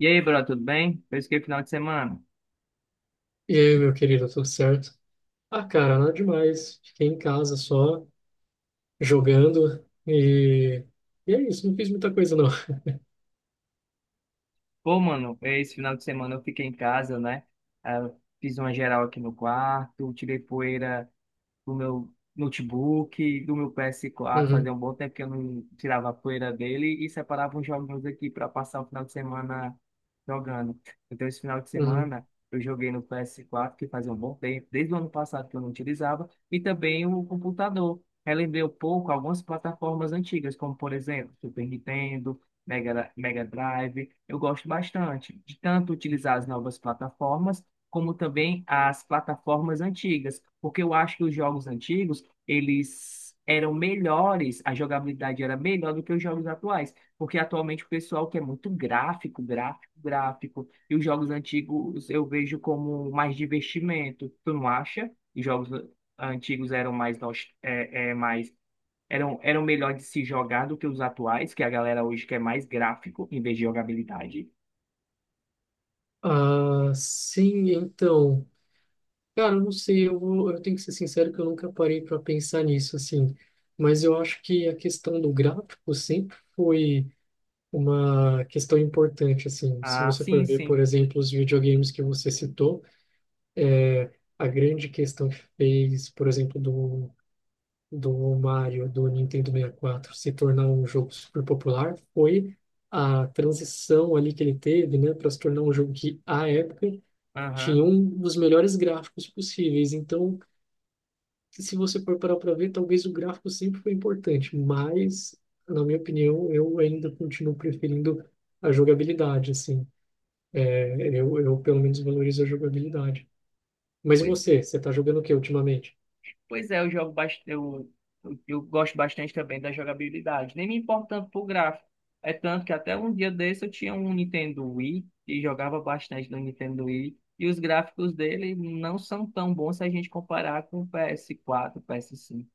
E aí, bro, tudo bem? Fez o que final de semana? E aí, meu querido, tudo certo? Ah, cara, nada demais. Fiquei em casa só, jogando, e é isso, não fiz muita coisa, não. Pô, mano, esse final de semana eu fiquei em casa, né? Ah, fiz uma geral aqui no quarto, tirei poeira do meu notebook, do meu PS4, Uhum, fazia um bom tempo que eu não tirava a poeira dele e separava uns joguinhos aqui para passar o final de semana jogando. Então, esse final de uhum. semana eu joguei no PS4, que fazia um bom tempo, desde o ano passado que eu não utilizava, e também o computador. Relembrei um pouco algumas plataformas antigas, como por exemplo, Super Nintendo, Mega Drive. Eu gosto bastante de tanto utilizar as novas plataformas como também as plataformas antigas, porque eu acho que os jogos antigos, eles eram melhores, a jogabilidade era melhor do que os jogos atuais, porque atualmente o pessoal quer muito gráfico, gráfico, gráfico, e os jogos antigos eu vejo como mais divertimento, tu não acha? Os jogos antigos eram mais, mais eram melhor de se jogar do que os atuais, que a galera hoje quer mais gráfico em vez de jogabilidade. Ah, sim, então. Cara, eu não sei, eu tenho que ser sincero que eu nunca parei para pensar nisso, assim. Mas eu acho que a questão do gráfico sempre foi uma questão importante, assim. Se Ah, você sim, for ver, sim. por exemplo, os videogames que você citou, a grande questão que fez, por exemplo, do Mario do Nintendo 64 se tornar um jogo super popular foi a transição ali que ele teve, né, para se tornar um jogo que à época tinha Aham. um dos melhores gráficos possíveis. Então, se você for parar para ver, talvez o gráfico sempre foi importante, mas na minha opinião, eu ainda continuo preferindo a jogabilidade, assim. É, eu pelo menos valorizo a jogabilidade. Mas e Pois você? Você está jogando o que ultimamente? Pois é, eu jogo bastante, eu gosto bastante também da jogabilidade. Nem me importo tanto pro gráfico. É tanto que até um dia desse eu tinha um Nintendo Wii e jogava bastante no Nintendo Wii. E os gráficos dele não são tão bons se a gente comparar com o PS4, PS5.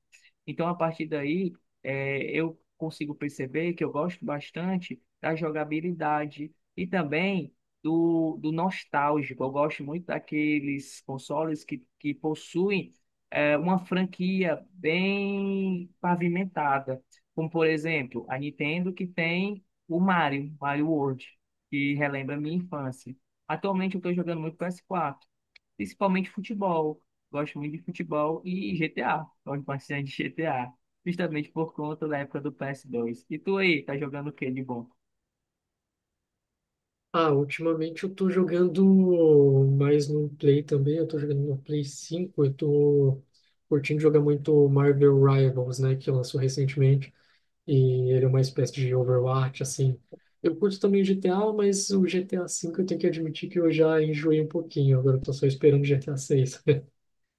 Então, a partir daí, eu consigo perceber que eu gosto bastante da jogabilidade e também do nostálgico. Eu gosto muito daqueles consoles que possuem uma franquia bem pavimentada, como, por exemplo, a Nintendo, que tem o Mario, Mario World, que relembra a minha infância. Atualmente, eu estou jogando muito PS4. Principalmente futebol. Gosto muito de futebol e GTA. Gosto bastante de GTA. Justamente por conta da época do PS2. E tu aí, tá jogando o que de bom? Ah, ultimamente eu tô jogando mais no Play também, eu tô jogando no Play 5, eu tô curtindo jogar muito Marvel Rivals, né, que lançou recentemente, e ele é uma espécie de Overwatch, assim. Eu curto também GTA, mas o GTA V eu tenho que admitir que eu já enjoei um pouquinho, agora eu tô só esperando o GTA 6.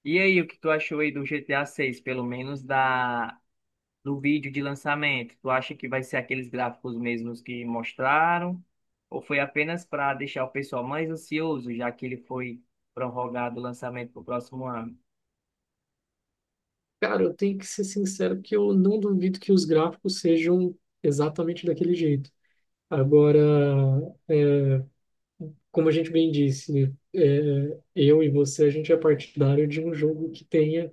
E aí, o que tu achou aí do GTA 6, pelo menos da do vídeo de lançamento? Tu acha que vai ser aqueles gráficos mesmos que mostraram? Ou foi apenas para deixar o pessoal mais ansioso, já que ele foi prorrogado o lançamento para o próximo ano? Cara, eu tenho que ser sincero que eu não duvido que os gráficos sejam exatamente daquele jeito. Agora, como a gente bem disse, eu e você, a gente é partidário de um jogo que tenha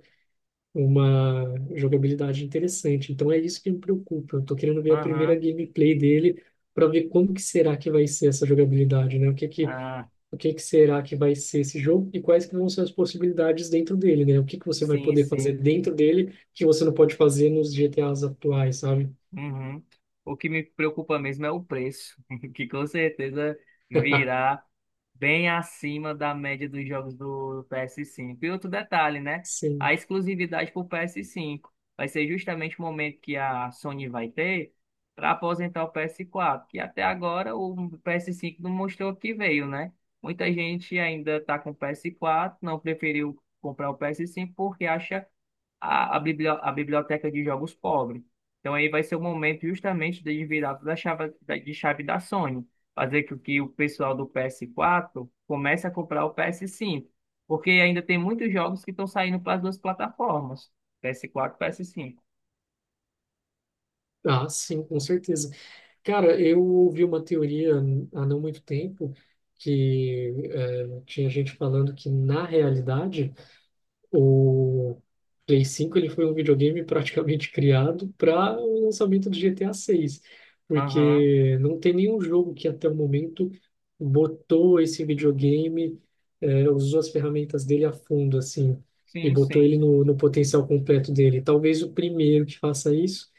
uma jogabilidade interessante. Então é isso que me preocupa. Eu tô querendo ver a primeira Aham. gameplay dele para ver como que será que vai ser essa jogabilidade, né? O que que, Ah, o que que será que vai ser esse jogo e quais que vão ser as possibilidades dentro dele, né? O que que você vai sim, poder fazer sim. dentro dele que você não pode fazer nos GTAs atuais, sabe? Uhum. O que me preocupa mesmo é o preço, que com certeza virá bem acima da média dos jogos do PS5. E outro detalhe, né? A Sim. exclusividade para o PS5 vai ser justamente o momento que a Sony vai ter para aposentar o PS4, que até agora o PS5 não mostrou que veio, né? Muita gente ainda está com o PS4, não preferiu comprar o PS5 porque acha a biblioteca de jogos pobre. Então aí vai ser o momento justamente de virar toda a chave da Sony, fazer com que o pessoal do PS4 comece a comprar o PS5, porque ainda tem muitos jogos que estão saindo para as duas plataformas, PS4 e PS5. Ah, sim, com certeza. Cara, eu ouvi uma teoria há não muito tempo que tinha gente falando que, na realidade, o Play 5 ele foi um videogame praticamente criado para o lançamento do GTA 6, Aham, porque não tem nenhum jogo que até o momento botou esse videogame, usou as ferramentas dele a fundo, assim, e sim, botou sim. ele no potencial completo dele. Talvez o primeiro que faça isso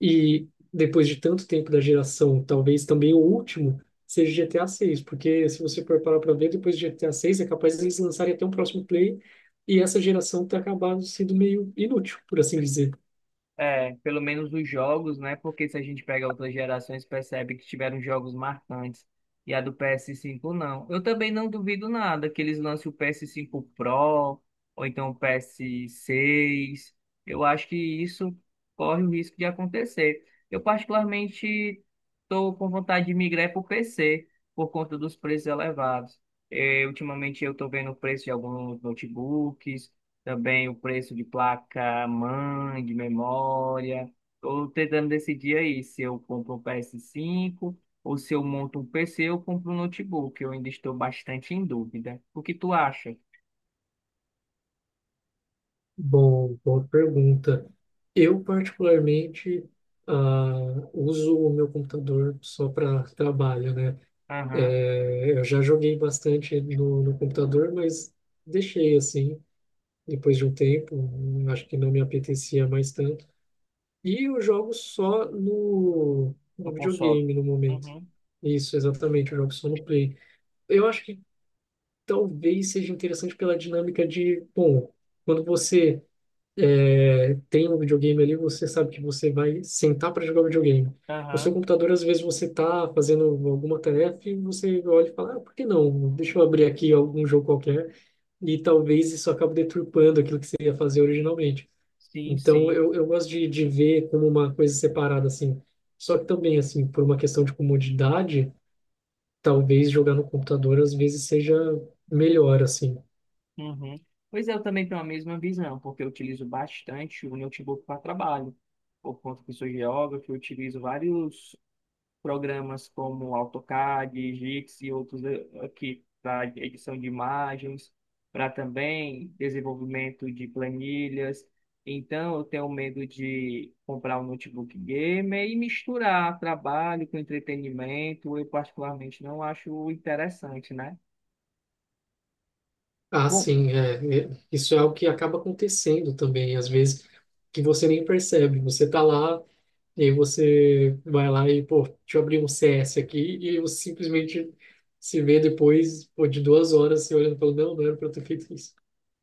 e depois de tanto tempo da geração, talvez também o último seja GTA 6, porque se você for parar para ver, depois de GTA 6 é capaz de eles lançarem até um próximo play e essa geração tá acabando sendo meio inútil, por assim dizer. É, pelo menos os jogos, né? Porque se a gente pega outras gerações, percebe que tiveram jogos marcantes. E a do PS5 não. Eu também não duvido nada que eles lancem o PS5 Pro ou então o PS6. Eu acho que isso corre o risco de acontecer. Eu particularmente estou com vontade de migrar para o PC por conta dos preços elevados. Ultimamente eu estou vendo o preço de alguns notebooks também o preço de placa mãe, de memória. Estou tentando decidir aí se eu compro um PS5 ou se eu monto um PC ou compro um notebook. Eu ainda estou bastante em dúvida. O que tu acha? Bom, boa pergunta. Eu particularmente ah, uso o meu computador só para trabalho, né? Aham, É, eu já joguei bastante no computador, mas deixei assim depois de um tempo, acho que não me apetecia mais tanto. E eu jogo só no, no no console. videogame no momento. Uhum, Isso, exatamente, eu jogo só no Play. Eu acho que talvez seja interessante pela dinâmica de, bom, quando você tem um videogame ali, você sabe que você vai sentar para jogar videogame. O seu aham, computador, às vezes, você tá fazendo alguma tarefa e você olha e fala, ah, por que não? Deixa eu abrir aqui algum jogo qualquer. E talvez isso acabe deturpando aquilo que você ia fazer originalmente. sim, Então, sim. eu gosto de ver como uma coisa separada, assim. Só que também, assim, por uma questão de comodidade, talvez jogar no computador às vezes seja melhor, assim. Uhum. Pois é, eu também tenho a mesma visão, porque eu utilizo bastante o notebook para trabalho. Por conta que sou geógrafo, eu utilizo vários programas como AutoCAD, Gix e outros aqui para edição de imagens, para também desenvolvimento de planilhas. Então, eu tenho medo de comprar um notebook gamer e misturar trabalho com entretenimento. Eu particularmente não acho interessante, né? Ah, Com- sim, isso é algo que acaba acontecendo também, às vezes, que você nem percebe. Você tá lá, e aí você vai lá e, pô, deixa eu abrir um CS aqui, e você simplesmente se vê depois, pô, de 2 horas, se olhando e falando, não, não era pra eu ter feito isso.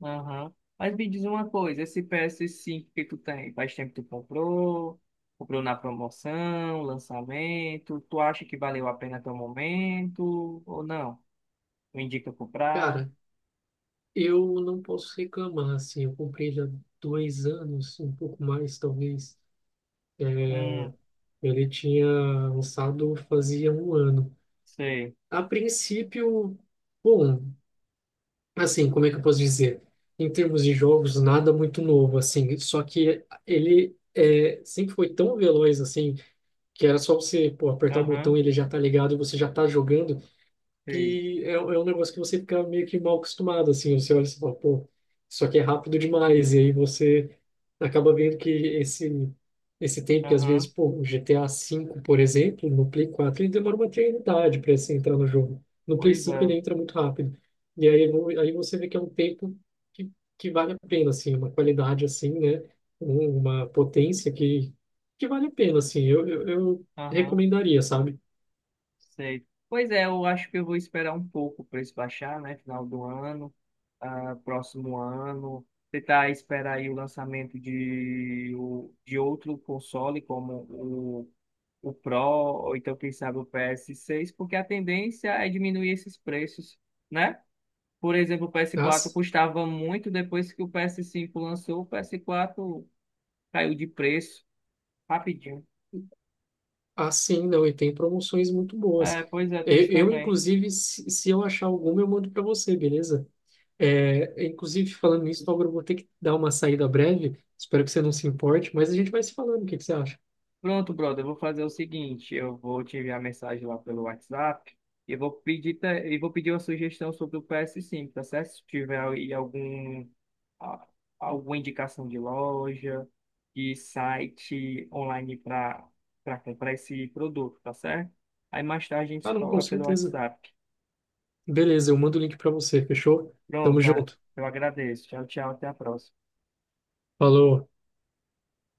Aham. Mas me diz uma coisa, esse PS5 que tu tem, faz tempo que tu comprou, na promoção, lançamento, tu acha que valeu a pena até o momento ou não? Tu indica comprar? Cara, eu não posso reclamar, assim, eu comprei já 2 anos, um pouco mais talvez. Hum, Ele tinha lançado fazia um ano. sei. A princípio, bom, assim, como é que eu posso dizer? Em termos de jogos, nada muito novo, assim, só que ele sempre foi tão veloz, assim, que era só você, pô, apertar o botão, Aham, e ele já tá ligado, você já tá jogando, sei. que é um negócio que você fica meio que mal acostumado, assim, você olha e você fala, pô, isso aqui é rápido demais, e aí você acaba vendo que esse tempo que às vezes, Aham, pô, o GTA V, por exemplo, no Play 4, ele demora uma eternidade para você entrar no jogo. No Play pois 5 ele é. entra muito rápido. E aí, aí você vê que é um tempo que, que vale a pena, assim, uma qualidade assim, né? Uma potência que vale a pena, assim, eu Aham. recomendaria, sabe? Sei. Pois é, eu acho que eu vou esperar um pouco para isso baixar, né? Final do ano, ah, próximo ano. Tentar esperar aí o lançamento de, de outro console, como o Pro, ou então, quem sabe, o PS6, porque a tendência é diminuir esses preços, né? Por exemplo, o PS4 Nossa. custava muito, depois que o PS5 lançou, o PS4 caiu de preço rapidinho. Ah, sim, não, e tem promoções muito É, boas. pois é, tem Eu, isso eu, também. inclusive, se eu achar alguma, eu mando para você, beleza? É, inclusive, falando nisso, Bárbara, eu vou ter que dar uma saída breve. Espero que você não se importe, mas a gente vai se falando. O que que você acha? Pronto, brother, eu vou fazer o seguinte, eu vou te enviar mensagem lá pelo WhatsApp e vou pedir uma sugestão sobre o PS5, tá certo? Se tiver aí a- alguma indicação de loja, de site online para comprar esse produto, tá certo? Aí mais tarde a gente Ah, se não, fala com lá pelo certeza. WhatsApp. Beleza, eu mando o link para você, fechou? Pronto, Tamo tá? junto. Eu agradeço. Tchau, tchau, até a próxima. Falou.